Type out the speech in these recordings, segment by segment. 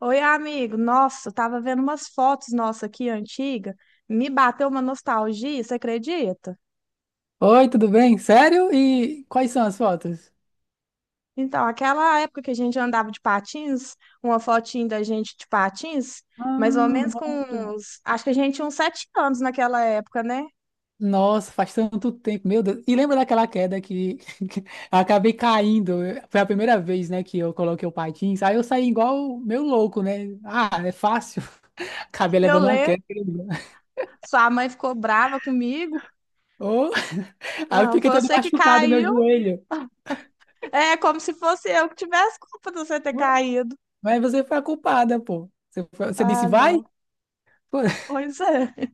Oi, amigo. Nossa, eu tava vendo umas fotos nossa aqui antiga. Me bateu uma nostalgia, você acredita? Oi, tudo bem? Sério? E quais são as fotos? Então, aquela época que a gente andava de patins, uma fotinha da gente de patins, mais ou Ah, menos com nossa. uns, acho que a gente tinha uns 7 anos naquela época, né? Nossa, faz tanto tempo, meu Deus. E lembra daquela queda que que eu acabei caindo? Foi a primeira vez, né, que eu coloquei o patins. Aí eu saí igual meu louco, né? Ah, é fácil. Acabei Eu levando uma lembro, queda. sua mãe ficou brava comigo. Oh, aí eu Não, fiquei foi todo você que machucado, meu caiu. joelho. É como se fosse eu que tivesse culpa de você ter Ué, caído. mas você foi a culpada, pô. Você, você disse, Ah, vai? não. Pô, Pois é.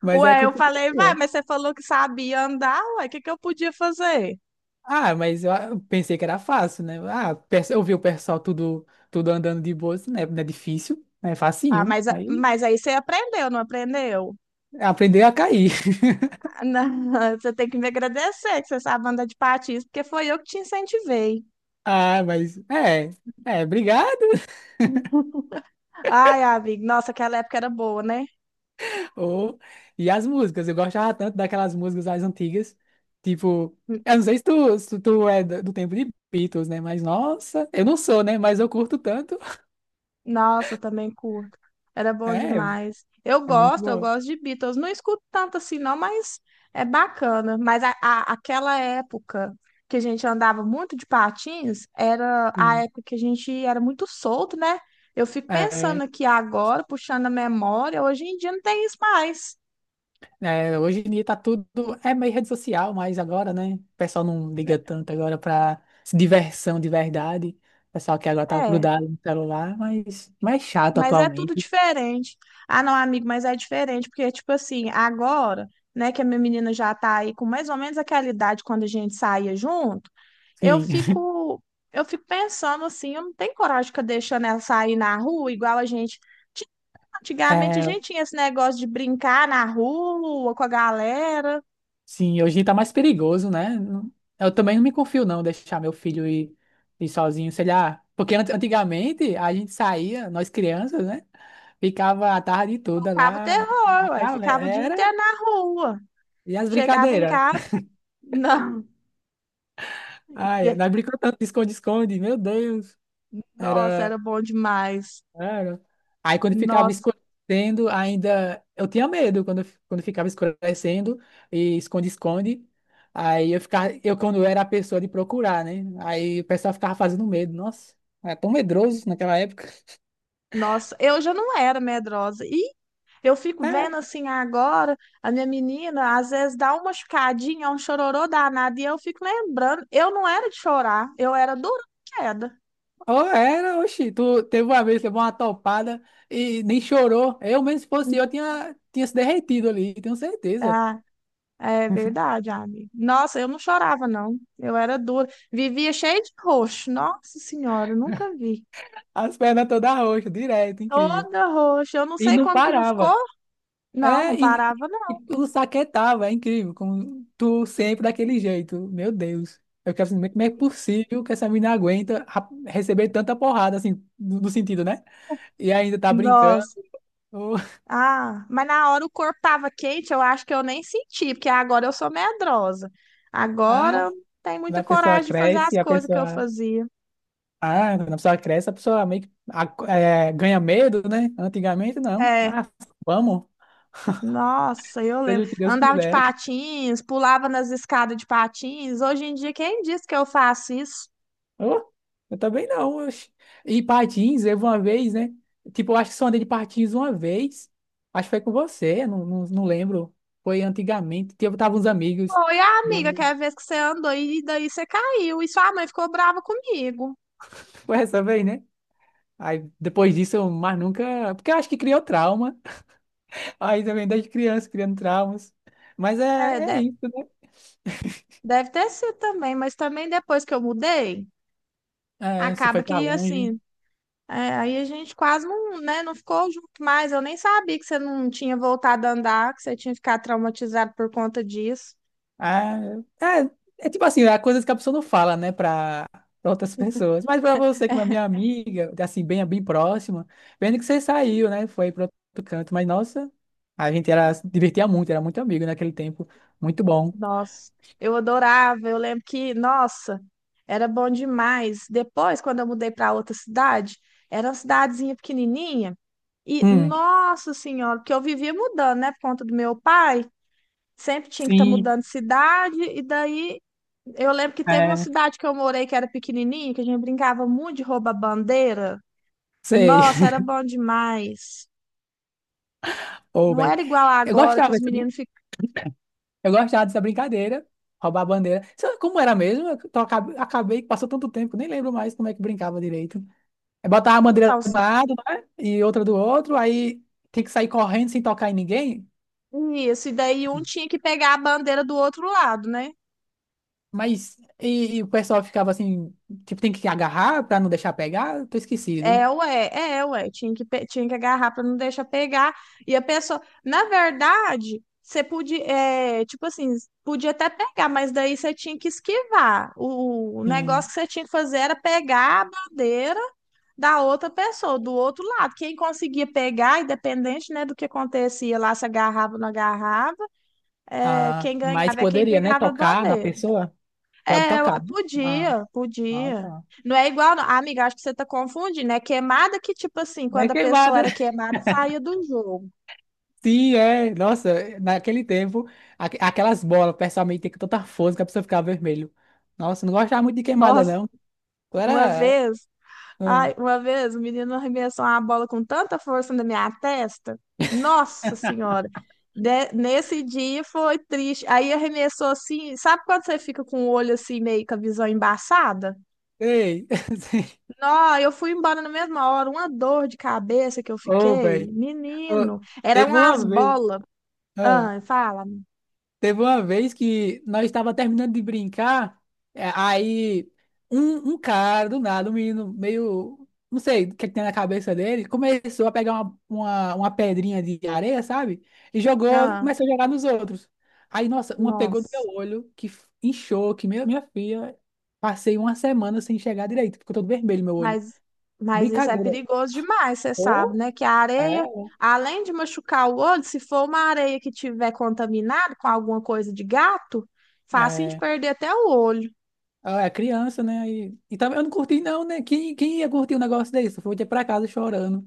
mas Ué, é eu culpa falei, vai, sua. mas você falou que sabia andar, ué, o que que eu podia fazer? Ah, mas eu pensei que era fácil, né? Ah, eu vi o pessoal tudo, tudo andando de boa, assim, né? Não é difícil, né? É Ah, facinho. mas, a- Aí mas aí você aprendeu, não aprendeu? aprendeu a cair. Ah, não, você tem que me agradecer que você sabe andar de patins, porque foi eu que te incentivei. Ah, mas é, obrigado. Ai, amigo, nossa, aquela época era boa, né? Oh, e as músicas, eu gostava tanto daquelas músicas mais antigas, tipo, eu não sei se tu é do tempo de Beatles, né? Mas nossa, eu não sou, né? Mas eu curto tanto. Nossa, eu também curto. Era bom É, demais. É muito Eu bom. gosto de Beatles. Não escuto tanto assim, não, mas é bacana. Mas aquela época que a gente andava muito de patins, era a Sim. época que a gente era muito solto, né? Eu fico É. pensando aqui agora, puxando a memória, hoje em dia não tem isso mais. É, hoje em dia tá tudo. É meio rede social, mas agora, né? O pessoal não liga tanto agora pra diversão de verdade. O pessoal que agora tá É. grudado no celular, mas mais chato Mas é tudo atualmente. diferente. Ah, não, amigo, mas é diferente, porque, tipo assim, agora, né, que a minha menina já tá aí com mais ou menos aquela idade quando a gente saía junto, eu Sim. fico, eu fico pensando assim, eu não tenho coragem de ficar deixando ela sair na rua, igual a gente tinha. Antigamente a É, gente tinha esse negócio de brincar na rua com a galera, sim, hoje em tá mais perigoso, né? Eu também não me confio, não, deixar meu filho ir, ir sozinho, sei lá. Porque antigamente a gente saía, nós crianças, né? Ficava a tarde toda tocava o lá, uma terror, ué, ficava o dia galera, inteiro na rua. e as Chegava em brincadeiras. casa, não. Ai, nós brincamos tanto de esconde-esconde, meu Deus. Nossa, Era, era bom demais. era. Aí quando ficava Nossa. escurecendo, ainda. Eu tinha medo quando ficava escurecendo e esconde-esconde. Aí eu ficava. Eu, quando eu era a pessoa de procurar, né? Aí o pessoal ficava fazendo medo. Nossa, era tão medroso naquela época. Nossa, eu já não era medrosa. E eu fico É, vendo assim agora, a minha menina às vezes dá uma machucadinha, um chororô danado, e eu fico lembrando, eu não era de chorar, eu era dura de queda. ou era, oxi. Tu teve uma vez, levou uma topada e nem chorou. Eu mesmo, se fosse eu, tinha se derretido ali, tenho certeza. Ah, é verdade, amiga. Nossa, eu não chorava, não. Eu era dura. Vivia cheia de roxo. Nossa Senhora, nunca vi. As pernas todas roxas, direto, incrível. Toda roxa. Eu não E sei não como que não ficou. parava. Não, não É, e, parava, não. e o saquetava, é incrível, como tu sempre daquele jeito. Meu Deus. Eu quero saber como é possível que essa menina aguenta receber tanta porrada, assim, no sentido, né? E ainda tá brincando. Nossa. Ah, mas na hora o corpo tava quente, eu acho que eu nem senti, porque agora eu sou medrosa. Agora Ah, eu não tenho muita a pessoa coragem de fazer as cresce, a coisas que eu pessoa. fazia. Ah, quando a pessoa cresce, a pessoa meio que é, ganha medo, né? Antigamente, não. É, Ah, vamos, nossa, eu seja lembro. o que Deus Andava de quiser. patins, pulava nas escadas de patins. Hoje em dia, quem disse que eu faço isso? Ô, eu também não. Oxe. E patins, eu uma vez, né? Tipo, eu acho que só andei de patins uma vez. Acho que foi com você, não, não, não lembro. Foi antigamente. Eu tava uns amigos. Oi, amiga, que Bom, é a vez que você andou e daí você caiu. E sua mãe ficou brava comigo. foi essa vez, né? Aí depois disso, eu mais nunca. Porque eu acho que criou trauma. Aí também desde criança, criando traumas. Mas é, É, é deve, isso, né? deve ter sido também, mas também depois que eu mudei, É, você foi acaba pra que longe. assim, é, aí a gente quase não, né, não ficou junto mais. Eu nem sabia que você não tinha voltado a andar, que você tinha ficado traumatizado por conta disso. Ah, é, é tipo assim, há coisas que a pessoa não fala, né, pra, pra outras pessoas. Mas pra você, que é minha amiga, assim, bem, bem próxima, vendo que você saiu, né, foi pro outro canto. Mas, nossa, a gente era, se divertia muito, era muito amigo naquele tempo. Muito bom. Nossa, eu adorava. Eu lembro que, nossa, era bom demais. Depois, quando eu mudei para outra cidade, era uma cidadezinha pequenininha. E, Hum, nossa senhora, porque eu vivia mudando, né, por conta do meu pai. Sempre tinha que estar sim, mudando de cidade. E daí, eu lembro que teve uma é, cidade que eu morei que era pequenininha, que a gente brincava muito de rouba-bandeira. sei. Nossa, era bom demais. Ô, Não bem. era igual Eu agora que gostava os dessa, meninos ficam. eu gostava dessa brincadeira, roubar a bandeira. Sabe como era mesmo? Eu acabei que passou tanto tempo, nem lembro mais como é que brincava direito. Aí botava a bandeira Então, de um lado, né? E outra do outro, aí tem que sair correndo sem tocar em ninguém. isso, e daí um tinha que pegar a bandeira do outro lado, né? Mas e o pessoal ficava assim, tipo, tem que agarrar pra não deixar pegar? Tô esquecido. É, ué, é, ué. Tinha que, tinha que agarrar para não deixar pegar. E a pessoa, na verdade, você podia, é, tipo assim, podia até pegar, mas daí você tinha que esquivar. O negócio Sim. que você tinha que fazer era pegar a bandeira da outra pessoa, do outro lado. Quem conseguia pegar, independente, né, do que acontecia lá, se agarrava ou não agarrava. É, Ah, quem mas ganhava é quem poderia, né? pegava a Tocar na bandeira. pessoa? Pode É, tocar, né? Ah, podia, ah, podia. tá. Não é igual, não. Ah, amiga, acho que você tá confundindo. É queimada que, tipo assim, É quando a pessoa queimada. era queimada, saía do jogo. Sim, é. Nossa, naquele tempo, aquelas bolas, pessoalmente, tem que tem tanta força que a pessoa ficava vermelho. Nossa, não gostava muito de queimada, Nossa, não. Eu uma era. vez, Ah, ai, uma vez, o menino arremessou uma bola com tanta força na minha testa. Nossa Senhora. Nesse dia foi triste. Aí arremessou assim, sabe quando você fica com o olho assim, meio com a visão embaçada? ei. Não, eu fui embora na mesma hora. Uma dor de cabeça que eu Ô, fiquei, velho. Ô, menino, era Teve umas uma vez, bolas. ah, Ah, fala. teve uma vez que nós estava terminando de brincar, é, aí um cara do nada, um menino meio, não sei o que, é que tem na cabeça dele, começou a pegar uma pedrinha de areia, sabe? E jogou, Ah, começou a jogar nos outros. Aí, nossa, uma pegou no meu nossa. olho, que inchou, que minha filha, passei uma semana sem enxergar direito, ficou todo vermelho meu olho. Mas, mas isso é Brincadeira. perigoso demais, você sabe, Ô, né? Que a areia, é. além de machucar o olho, se for uma areia que tiver contaminada com alguma coisa de gato, fácil de É, perder até o olho. ah, é criança, né? E também eu não curti, não, né? Quem ia curtir um negócio desse? Eu voltei pra casa chorando.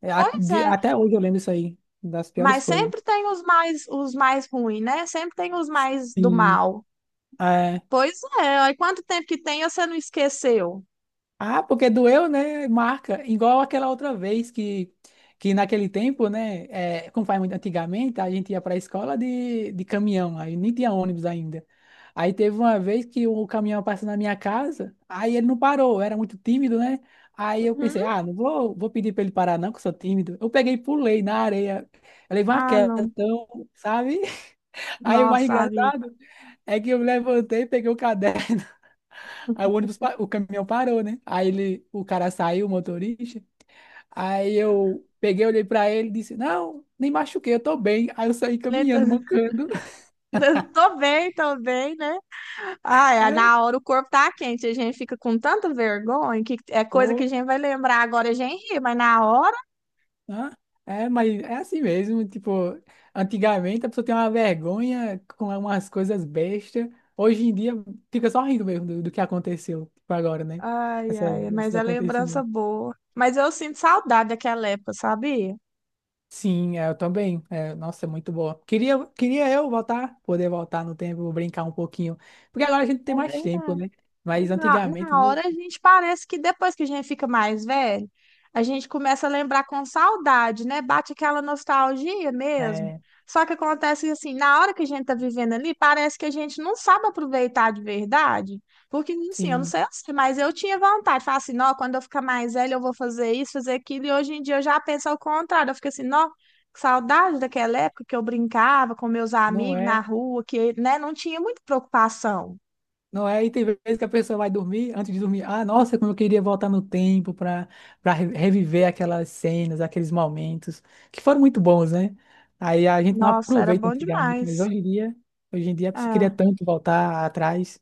É, Pois é, até hoje eu lembro isso aí, das piores mas coisas. sempre tem os mais ruins, né? Sempre tem os mais do Sim. mal. É. Pois é, aí quanto tempo que tem, e você não esqueceu? Ah, porque doeu, né? Marca. Igual aquela outra vez que naquele tempo, né? É, como faz muito antigamente, a gente ia para a escola de, caminhão, aí nem tinha ônibus ainda. Aí teve uma vez que o caminhão passou na minha casa, aí ele não parou, eu era muito tímido, né? Aí eu Uhum. pensei, ah, não vou, vou pedir para ele parar, não, que eu sou tímido. Eu peguei e pulei na areia. Eu levei uma Ah, queda, não. então, sabe? Aí o mais Nossa, sabe? engraçado é que eu me levantei, peguei o caderno. Aí o caminhão parou, né? Aí ele, o cara saiu, o motorista. Aí eu peguei, olhei pra ele e disse: Não, nem machuquei, eu tô bem. Aí eu saí caminhando, mancando. Tô bem, né? Ah, é, na É, hora o corpo tá quente, a gente fica com tanta vergonha que é coisa que a pô, gente vai lembrar agora, a gente ri, mas na hora. né? É, mas é assim mesmo. Tipo, antigamente a pessoa tem uma vergonha com umas coisas bestas. Hoje em dia fica só rindo mesmo do que aconteceu, tipo, agora, né? Ai, Essa, ai, esses mas é lembrança acontecimentos. boa. Mas eu sinto saudade daquela época, sabia? Sim, é, eu também. É, nossa, é muito boa. Queria eu voltar, poder voltar no tempo, brincar um pouquinho. Porque agora a gente tem É mais tempo, verdade. né? Mas Na, antigamente, na né? hora a gente parece que depois que a gente fica mais velho, a gente começa a lembrar com saudade, né? Bate aquela nostalgia mesmo. É, Só que acontece que, assim, na hora que a gente tá vivendo ali, parece que a gente não sabe aproveitar de verdade. Porque assim, eu não sim, sei, você, mas eu tinha vontade. Falar assim, não, quando eu ficar mais velho eu vou fazer isso, fazer aquilo. E hoje em dia eu já penso ao contrário. Eu fico assim, não, que saudade daquela época que eu brincava com meus não amigos na é. rua, que, né, não tinha muita preocupação. Não é, e tem vezes que a pessoa vai dormir, antes de dormir, ah, nossa, como eu queria voltar no tempo para reviver aquelas cenas, aqueles momentos, que foram muito bons, né? Aí a gente não Nossa, era aproveita bom antigamente, mas demais. Hoje em dia a pessoa queria É, tanto voltar atrás,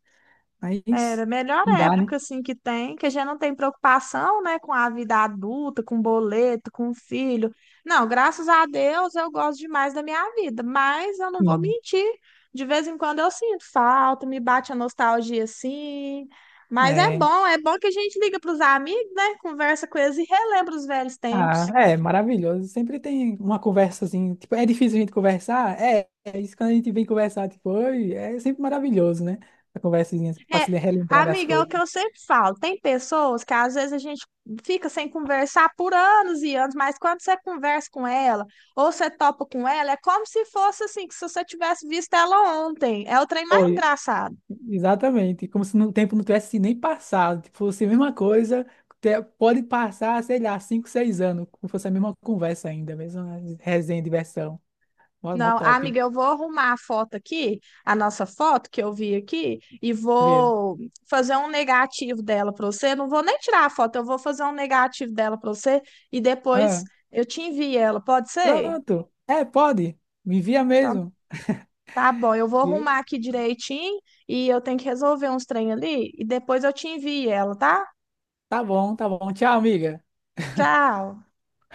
era mas a melhor não dá, né? época assim que tem, que a gente não tem preocupação, né, com a vida adulta, com boleto, com filho. Não, graças a Deus eu gosto demais da minha vida, mas eu não vou Sim, mentir, de vez em quando eu sinto falta, me bate a nostalgia assim. Mas é. É bom que a gente liga para os amigos, né, conversa com eles e relembra os velhos Ah, tempos. é maravilhoso. Sempre tem uma conversa assim. Tipo, é difícil a gente conversar? É isso quando a gente vem conversar, tipo, oi, é sempre maravilhoso, né? A conversinha para É, se relembrar das amiga, é o coisas. que eu sempre falo. Tem pessoas que às vezes a gente fica sem conversar por anos e anos, mas quando você conversa com ela ou você topa com ela, é como se fosse assim, que se você tivesse visto ela ontem. É o trem mais Oi, engraçado. exatamente. Como se o tempo não tivesse nem passado. Tipo, fosse a mesma coisa, pode passar, sei lá, 5, 6 anos, como fosse a mesma conversa ainda, a mesma resenha, diversão. Mó, mó Não, top, amiga, eu vou arrumar a foto aqui, a nossa foto que eu vi aqui, e viu? vou fazer um negativo dela para você. Não vou nem tirar a foto, eu vou fazer um negativo dela para você e depois Ah, eu te envio ela, pode ser? pronto. É, pode. Me envia Então mesmo, tá bom, eu vou viu? arrumar aqui direitinho e eu tenho que resolver uns trem ali e depois eu te envio ela, tá? Tá bom, tá bom. Tchau, amiga. Tchau.